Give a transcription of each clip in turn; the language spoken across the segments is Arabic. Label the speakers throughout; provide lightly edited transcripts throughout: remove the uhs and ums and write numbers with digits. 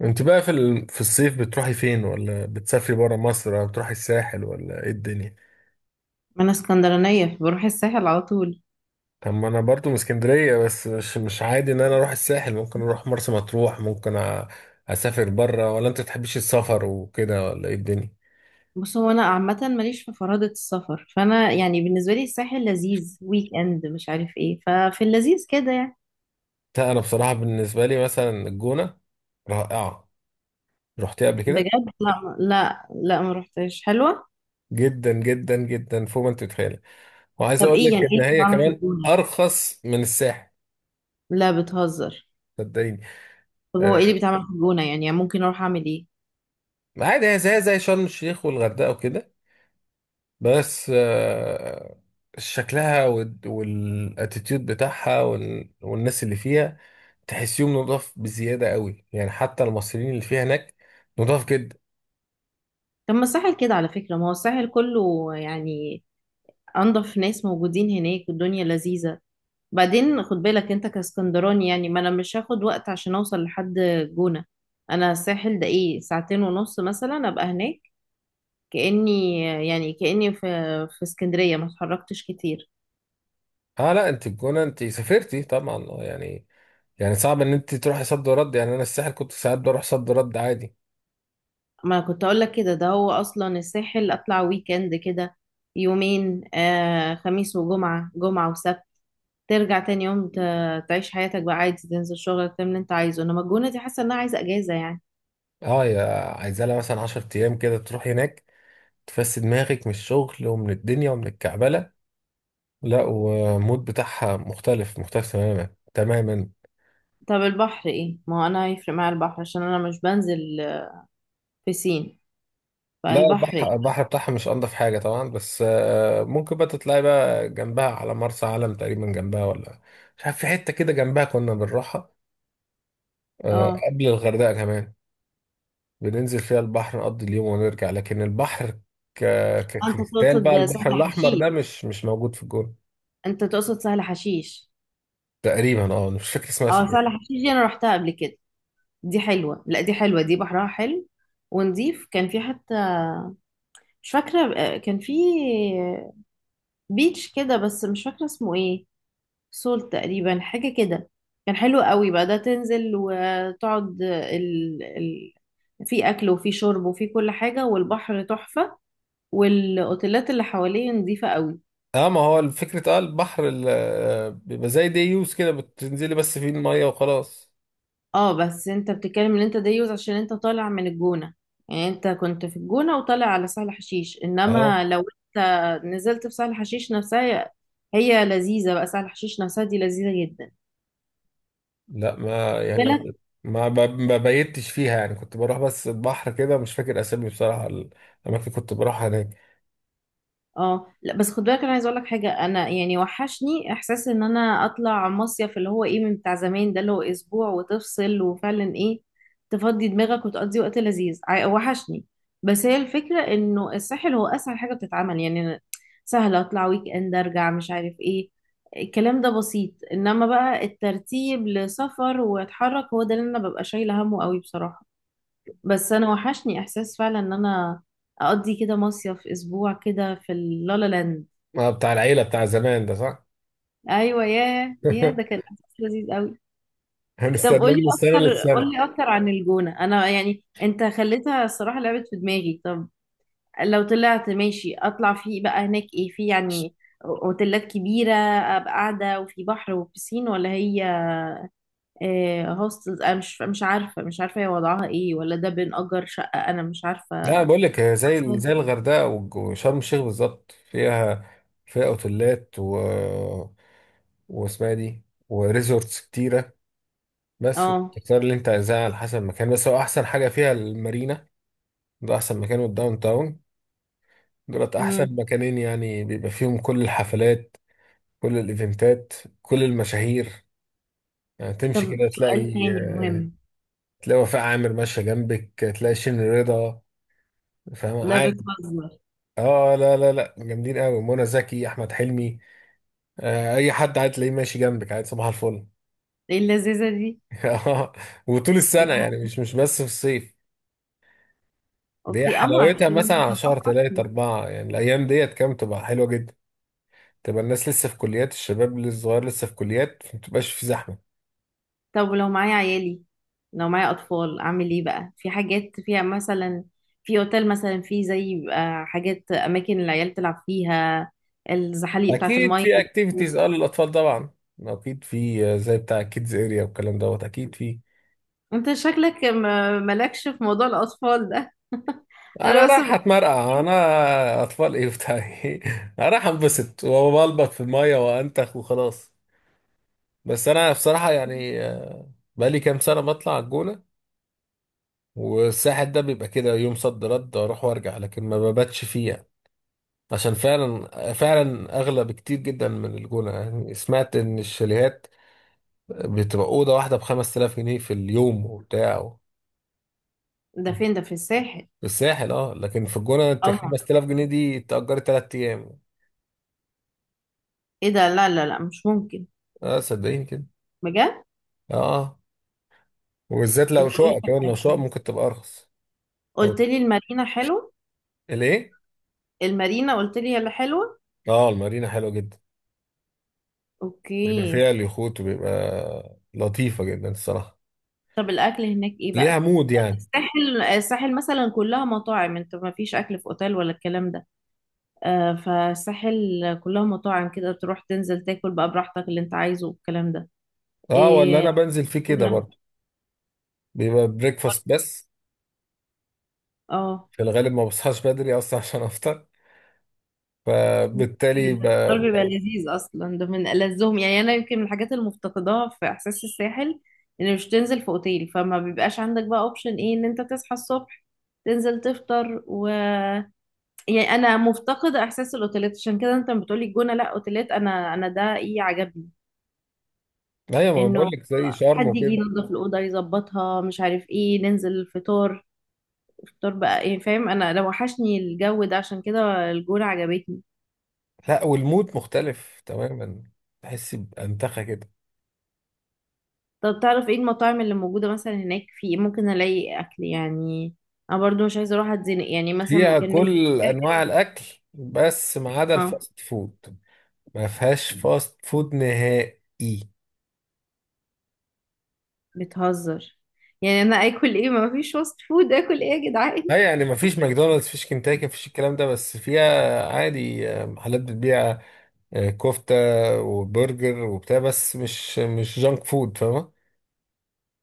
Speaker 1: انت بقى في الصيف بتروحي فين، ولا بتسافري برا مصر، ولا بتروحي الساحل، ولا ايه الدنيا؟
Speaker 2: ما انا اسكندرانيه، بروح الساحل على طول.
Speaker 1: طب ما انا برضو من اسكندريه، بس مش عادي ان انا اروح الساحل. ممكن اروح مرسى مطروح، اسافر برا. ولا انت بتحبيش السفر وكده، ولا ايه الدنيا؟
Speaker 2: بص، هو انا عامه ماليش في فرادة السفر، فانا يعني بالنسبه لي الساحل لذيذ، ويك اند مش عارف ايه، ففي اللذيذ كده يعني.
Speaker 1: لا انا بصراحه بالنسبه لي مثلا الجونه رائعه. رحتيها قبل كده؟
Speaker 2: بجد؟ لا لا لا ما رحتش. حلوه؟
Speaker 1: جدا جدا جدا، فوق ما انت تتخيلي. وعايز
Speaker 2: طب
Speaker 1: اقول
Speaker 2: ايه
Speaker 1: لك
Speaker 2: يعني، ايه
Speaker 1: ان
Speaker 2: اللي
Speaker 1: هي
Speaker 2: بيتعمل في
Speaker 1: كمان
Speaker 2: الجونه يعني؟
Speaker 1: ارخص من الساحل.
Speaker 2: لا بتهزر.
Speaker 1: صدقيني.
Speaker 2: طب هو
Speaker 1: آه،
Speaker 2: ايه اللي بيتعمل في الجونه يعني، يعني ممكن اروح اعمل ايه؟
Speaker 1: عادي، هي زي زي شرم الشيخ والغردقه وكده، بس آه، شكلها والاتيتيود بتاعها والناس اللي فيها، تحسيهم نضاف بزيادة قوي، يعني حتى المصريين اللي فيها هناك نضاف جدا.
Speaker 2: طب ما الساحل كده على فكره، ما هو الساحل كله يعني انضف ناس موجودين هناك والدنيا لذيذه. بعدين خد بالك انت كاسكندراني، يعني ما انا مش هاخد وقت عشان اوصل لحد جونة. انا الساحل ده ايه، ساعتين ونص مثلا ابقى هناك كأني يعني كأني في اسكندرية ما اتحركتش كتير.
Speaker 1: اه لا، انت الجونة انت سافرتي طبعا، آه، يعني يعني صعب ان انت تروحي صد ورد. يعني انا الساحل كنت ساعات بروح صد ورد عادي.
Speaker 2: ما كنت اقول لك كده، ده هو اصلا الساحل اطلع ويكند كده، يومين، آه خميس وجمعة، جمعة وسبت، ترجع تاني يوم تعيش حياتك بقى عادي، تنزل شغلك تعمل اللي انت عايزه. انما الجونة دي حاسة انها عايزة اجازة يعني.
Speaker 1: اه يا، عايزة لها مثلا 10 ايام كده، تروح هناك تفسد دماغك من الشغل ومن الدنيا ومن الكعبلة. لا، والمود بتاعها مختلف، مختلف تماما تماما.
Speaker 2: طب البحر ايه؟ ما هو انا هيفرق معايا البحر عشان انا مش بنزل بسين
Speaker 1: لا،
Speaker 2: فالبحر.
Speaker 1: البحر، البحر بتاعها مش انضف حاجه طبعا، بس آه، ممكن بقى تطلعي بقى جنبها على مرسى علم، تقريبا جنبها، ولا مش عارف، في حته كده جنبها كنا بنروحها،
Speaker 2: اه
Speaker 1: آه،
Speaker 2: آه،
Speaker 1: قبل الغردقه كمان. بننزل فيها البحر، نقضي اليوم ونرجع، لكن البحر ك...
Speaker 2: انت
Speaker 1: ككريستال بقى.
Speaker 2: تقصد سهل
Speaker 1: البحر الاحمر
Speaker 2: حشيش؟
Speaker 1: ده مش موجود في الجون.
Speaker 2: انت تقصد سهل حشيش؟
Speaker 1: تقريبا، اه، مش فاكر اسمها
Speaker 2: اه سهل
Speaker 1: صدقني.
Speaker 2: حشيش دي انا رحتها قبل كده. دي حلوة، لا دي حلوة، دي بحرها حلو ونضيف. كان في حتى، مش فاكرة آه، كان في بيتش كده بس مش فاكرة اسمه ايه. سول تقريبا، حاجة كده. كان حلو قوي بقى ده، تنزل وتقعد في اكل وفي شرب وفي كل حاجة، والبحر تحفة، والاوتيلات اللي حواليه نظيفة قوي.
Speaker 1: اه، ما هو فكره، اه، البحر آه، بيبقى زي دي يوز كده، بتنزلي بس فيه الميه وخلاص.
Speaker 2: اه، بس انت بتتكلم ان انت ده يوز عشان انت طالع من الجونة، يعني انت كنت في الجونة وطالع على سهل حشيش،
Speaker 1: اه
Speaker 2: انما لو نزلت في سهل حشيش نفسها، هي لذيذة بقى، سهل حشيش نفسها دي لذيذة جدا.
Speaker 1: لا، ما يعني ما بيتش فيها، يعني كنت بروح بس البحر كده، مش فاكر اسامي بصراحة الاماكن اللي كنت بروحها هناك.
Speaker 2: اه لا، بس خد بالك انا عايزه اقول لك حاجه، انا يعني وحشني احساس ان انا اطلع مصيف، اللي هو ايه، من بتاع زمان ده، اللي هو اسبوع وتفصل وفعلا ايه تفضي دماغك وتقضي وقت لذيذ. وحشني. بس هي الفكره انه الساحل هو اسهل حاجه بتتعمل يعني، أنا سهل اطلع ويك اند ارجع مش عارف ايه، الكلام ده بسيط. انما بقى الترتيب لسفر واتحرك هو ده اللي انا ببقى شايله همه قوي بصراحه. بس انا وحشني احساس فعلا ان انا اقضي كده مصيف اسبوع كده في اللالا لاند.
Speaker 1: ما بتاع العيلة بتاع زمان ده، صح؟
Speaker 2: ايوه، ياه ياه، ده كان احساس لذيذ قوي. طب
Speaker 1: هنستناه
Speaker 2: قولي
Speaker 1: من السنة
Speaker 2: اكتر،
Speaker 1: للسنة.
Speaker 2: قولي اكتر عن الجونة. انا يعني انت خليتها الصراحة لعبت في دماغي. طب لو طلعت ماشي اطلع فيه بقى، هناك ايه في يعني؟ اوتيلات كبيرة ابقى قاعدة وفي بحر وبسين، ولا هي آه، هوستلز؟ انا مش عارفة، مش عارفة هي وضعها ايه، ولا ده بنأجر شقة؟ انا مش
Speaker 1: لا،
Speaker 2: عارفة.
Speaker 1: بقول لك، هي زي الغردقة وشرم الشيخ بالظبط. فيها، فيها اوتيلات، و واسمها إيه دي، وريزورتس كتيرة. بس
Speaker 2: اه.
Speaker 1: تختار اللي انت عايزاه على حسب المكان. بس هو احسن حاجة فيها المارينا، ده احسن مكان، والداون تاون. دولت
Speaker 2: امم.
Speaker 1: احسن مكانين، يعني بيبقى فيهم كل الحفلات، كل الايفنتات، كل المشاهير. يعني تمشي
Speaker 2: طب
Speaker 1: كده
Speaker 2: سؤال
Speaker 1: تلاقي،
Speaker 2: تاني
Speaker 1: آه،
Speaker 2: مهم.
Speaker 1: تلاقي وفاء عامر ماشيه جنبك، تلاقي شين رضا، فاهم؟
Speaker 2: لا
Speaker 1: عادي.
Speaker 2: بتهزر.
Speaker 1: اه لا لا لا، جامدين قوي، منى زكي، احمد حلمي، آه، اي حد عادي تلاقيه ماشي جنبك، عادي، صباح الفل.
Speaker 2: ايه اللذيذة دي؟
Speaker 1: آه، وطول السنه يعني،
Speaker 2: أضحك.
Speaker 1: مش بس في الصيف. دي
Speaker 2: اوكي، اما
Speaker 1: حلاوتها مثلا
Speaker 2: عشان
Speaker 1: على شهر
Speaker 2: أضحك.
Speaker 1: تلاتة أربعة، يعني الأيام ديت كام تبقى حلوة جدا. تبقى الناس لسه في كليات، الشباب الصغير لسه في كليات، ما تبقاش في زحمة.
Speaker 2: طب ولو معايا عيالي، لو معايا اطفال اعمل ايه بقى؟ في حاجات فيها مثلا، في اوتيل مثلا، في زي بيبقى حاجات، اماكن العيال تلعب فيها، الزحاليق بتاعت
Speaker 1: اكيد
Speaker 2: المية
Speaker 1: في
Speaker 2: دي.
Speaker 1: اكتيفيتيز، اه، للاطفال طبعا. اكيد في، آه، زي بتاع كيدز اريا والكلام دوت، اكيد في.
Speaker 2: انت شكلك مالكش في موضوع الاطفال ده
Speaker 1: انا
Speaker 2: انا بس
Speaker 1: رايح اتمرقع، انا اطفال ايه بتاع ايه؟ انا رايح انبسط وبلبط في الميه وانتخ وخلاص. بس انا بصراحه يعني، آه، بقالي كام سنه بطلع على الجونه، والساحل ده بيبقى كده يوم صد رد، اروح وارجع، لكن ما بباتش فيه يعني. عشان فعلا فعلا اغلى بكتير جدا من الجونه. يعني سمعت ان الشاليهات بتبقى اوضه واحده ب 5000 جنيه في اليوم وبتاع
Speaker 2: ده فين ده، في الساحل؟
Speaker 1: الساحل، اه، لكن في الجونة انت
Speaker 2: طبعا.
Speaker 1: 5000 جنيه دي تأجري تلات أيام.
Speaker 2: ايه ده؟ لا لا لا مش ممكن.
Speaker 1: اه، صدقيني كده.
Speaker 2: بجد؟
Speaker 1: اه، آه. وبالذات
Speaker 2: إيه
Speaker 1: لو شقة، كمان لو شقة
Speaker 2: ده؟
Speaker 1: ممكن تبقى أرخص. أو
Speaker 2: قلت لي المارينا حلو؟
Speaker 1: الإيه؟
Speaker 2: المارينا قلت لي هي اللي حلوة؟
Speaker 1: اه، المارينا حلوة جدا، بيبقى
Speaker 2: اوكي.
Speaker 1: فيها اليخوت، وبيبقى لطيفة جدا الصراحة.
Speaker 2: طب الاكل هناك ايه
Speaker 1: ليها
Speaker 2: بقى؟
Speaker 1: مود يعني.
Speaker 2: الساحل، الساحل مثلا كلها مطاعم، انت ما فيش اكل في اوتيل ولا الكلام ده، آه فالساحل كلها مطاعم كده، تروح تنزل تاكل بقى براحتك اللي انت عايزه والكلام ده.
Speaker 1: اه، ولا
Speaker 2: إيه؟
Speaker 1: أنا بنزل فيه كده
Speaker 2: كنا.
Speaker 1: برضه. بيبقى بريكفاست بس.
Speaker 2: اه.
Speaker 1: في الغالب ما بصحاش بدري أصلا عشان أفطر، فبالتالي
Speaker 2: الفطار بيبقى لذيذ اصلا، ده من ألذهم يعني، انا يمكن من الحاجات اللي مفتقداها في احساس الساحل ان مش تنزل في اوتيل، فما بيبقاش عندك بقى اوبشن ايه ان انت تصحى الصبح تنزل تفطر و، يعني انا مفتقدة احساس الاوتيلات. عشان كده انت بتقولي الجونة لا اوتيلات، انا انا ده ايه عجبني،
Speaker 1: أيوة، ما
Speaker 2: انه
Speaker 1: بقول لك زي شرم
Speaker 2: حد يجي
Speaker 1: وكده.
Speaker 2: ينظف الاوضه يظبطها مش عارف ايه، ننزل الفطار، الفطار بقى ايه، فاهم؟ انا لو وحشني الجو ده، عشان كده الجونه عجبتني.
Speaker 1: لا، والمود مختلف تماما، تحس بأنتخة كده.
Speaker 2: طب تعرف ايه المطاعم اللي موجودة مثلا هناك في إيه؟ ممكن الاقي اكل يعني؟ انا برضو مش عايزة اروح اتزنق يعني، مثلا
Speaker 1: فيها
Speaker 2: كان من
Speaker 1: كل انواع
Speaker 2: الساحل.
Speaker 1: الاكل، بس ما عدا
Speaker 2: اه.
Speaker 1: الفاست فود. ما فيهاش فاست فود نهائي.
Speaker 2: بتهزر؟ يعني انا اكل ايه، ما فيش فاست فود، اكل ايه يا جدعان؟
Speaker 1: لا، يعني ما فيش ماكدونالدز، فيش كنتاكي، ما فيش الكلام ده، بس فيها عادي، آه، محلات بتبيع، آه، كفتة وبرجر وبتاع، بس مش جانك فود، فاهمة؟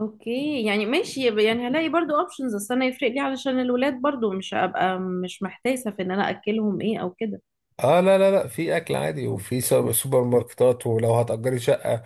Speaker 2: اوكي، يعني ماشي، يبقى يعني هلاقي برضو اوبشنز. اصل انا يفرق لي علشان الولاد، برضو مش هبقى مش محتاسة في ان انا اكلهم ايه او كده.
Speaker 1: اه لا لا لا، في اكل عادي، وفي سوبر ماركتات. ولو هتأجري شقة،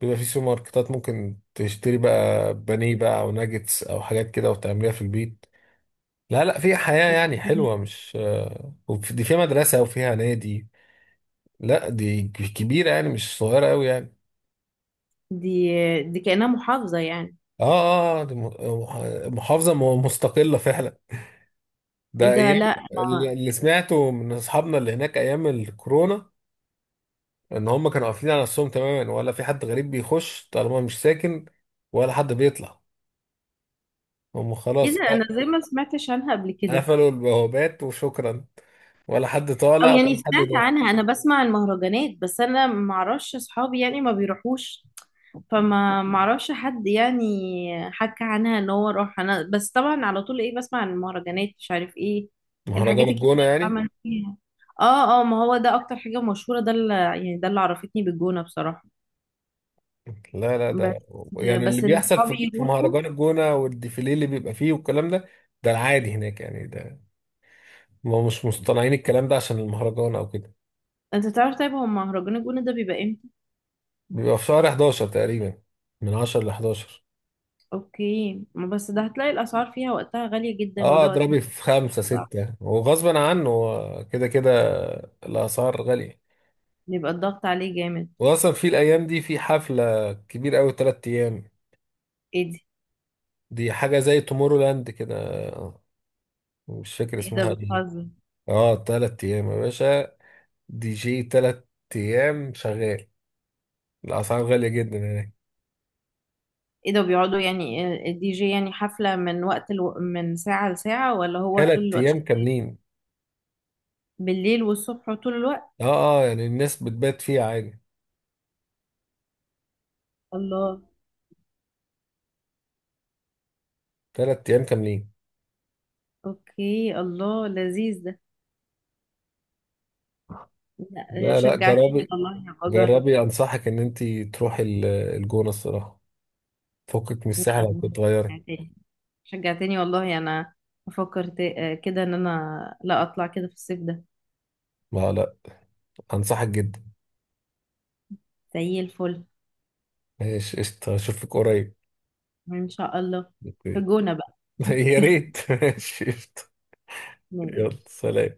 Speaker 1: بيبقى في سوبر ماركتات، ممكن تشتري بقى بانيه بقى او ناجتس او حاجات كده، وتعمليها في البيت. لا لا، في حياة يعني
Speaker 2: اوكي.
Speaker 1: حلوة، مش آه، دي فيها مدرسة وفيها نادي. لا، دي كبيرة يعني، مش صغيرة أوي يعني.
Speaker 2: دي دي كأنها محافظة يعني؟
Speaker 1: اه اه، آه، دي محافظة مستقلة فعلا. ده
Speaker 2: ايه ده،
Speaker 1: أيام،
Speaker 2: لا
Speaker 1: اللي سمعته من أصحابنا اللي هناك أيام الكورونا، إن هم كانوا قافلين على نفسهم تماما، ولا في حد غريب بيخش طالما مش ساكن، ولا حد بيطلع. هم
Speaker 2: ايه
Speaker 1: خلاص
Speaker 2: ده، انا زي ما سمعتش عنها قبل كده.
Speaker 1: قفلوا البوابات وشكرا، ولا حد
Speaker 2: او
Speaker 1: طالع
Speaker 2: يعني
Speaker 1: ولا حد
Speaker 2: سمعت
Speaker 1: داخل.
Speaker 2: عنها، انا بسمع المهرجانات، بس انا ما اعرفش اصحابي يعني ما بيروحوش، فما ما اعرفش حد يعني حكى عنها ان هو راح. انا بس طبعا على طول ايه بسمع عن المهرجانات مش عارف ايه،
Speaker 1: مهرجان
Speaker 2: الحاجات الكتير
Speaker 1: الجونة
Speaker 2: اللي
Speaker 1: يعني؟
Speaker 2: بعمل فيها. اه اه، ما هو ده اكتر حاجة مشهورة، ده اللي يعني ده اللي عرفتني بالجونة بصراحة.
Speaker 1: لا لا،
Speaker 2: بس،
Speaker 1: ده يعني اللي
Speaker 2: بس ان
Speaker 1: بيحصل
Speaker 2: اصحابي
Speaker 1: في
Speaker 2: يروحوا.
Speaker 1: مهرجان الجونة، والديفيليه اللي بيبقى فيه والكلام ده، ده العادي هناك يعني، ده ما مش مصطنعين الكلام ده عشان المهرجان او كده.
Speaker 2: انت تعرف طيب، هو مهرجان الجونة ده بيبقى امتى؟
Speaker 1: بيبقى في شهر 11 تقريبا، من 10 ل 11.
Speaker 2: اوكي، ما بس ده هتلاقي الاسعار فيها وقتها غالية جدا،
Speaker 1: اه،
Speaker 2: وده وقت ما
Speaker 1: اضربي في خمسة
Speaker 2: بيبقى صعب،
Speaker 1: ستة، وغصبا عنه هو كده كده الاسعار غالية.
Speaker 2: بيبقى الضغط عليه جامد.
Speaker 1: واصلا في الايام دي في حفلة كبيرة قوي تلات ايام،
Speaker 2: ايه دي؟
Speaker 1: دي حاجة زي تومورو لاند كده، مش فاكر
Speaker 2: ايه ده،
Speaker 1: اسمها ايه.
Speaker 2: بتهزر؟
Speaker 1: اه، تلات ايام يا باشا، دي جي تلات أيام شغال، الأسعار غالية جدا هناك.
Speaker 2: ايه ده، بيقعدوا يعني؟ الدي جي يعني حفلة من وقت من ساعة لساعة، ولا هو طول
Speaker 1: تلات
Speaker 2: الوقت
Speaker 1: أيام
Speaker 2: شغال؟
Speaker 1: كاملين.
Speaker 2: بالليل والصبح وطول الوقت؟
Speaker 1: اه اه، يعني الناس بتبات فيها عادي.
Speaker 2: الله.
Speaker 1: تلات أيام كاملين.
Speaker 2: اوكي، الله، لذيذ ده. لا
Speaker 1: لا لا،
Speaker 2: شجعتني
Speaker 1: جربي،
Speaker 2: والله، هبقى اجرب.
Speaker 1: جربي أنصحك إن أنت تروحي الجونة الصراحة، فكك من
Speaker 2: لا
Speaker 1: الساحل
Speaker 2: أنا،
Speaker 1: هتتغيري.
Speaker 2: شجعتني، شجعتني والله. انا بفكر آه، كده ان انا لا اطلع كده في الصيف ده.
Speaker 1: لا لا، أنصحك جدا.
Speaker 2: زي الفل.
Speaker 1: ماشي قشطة، أشوفك قريب.
Speaker 2: ان شاء الله. في
Speaker 1: أوكي.
Speaker 2: الجونة بقى.
Speaker 1: يا ريت، ماشي قشطة.
Speaker 2: ماشي.
Speaker 1: يلا سلام.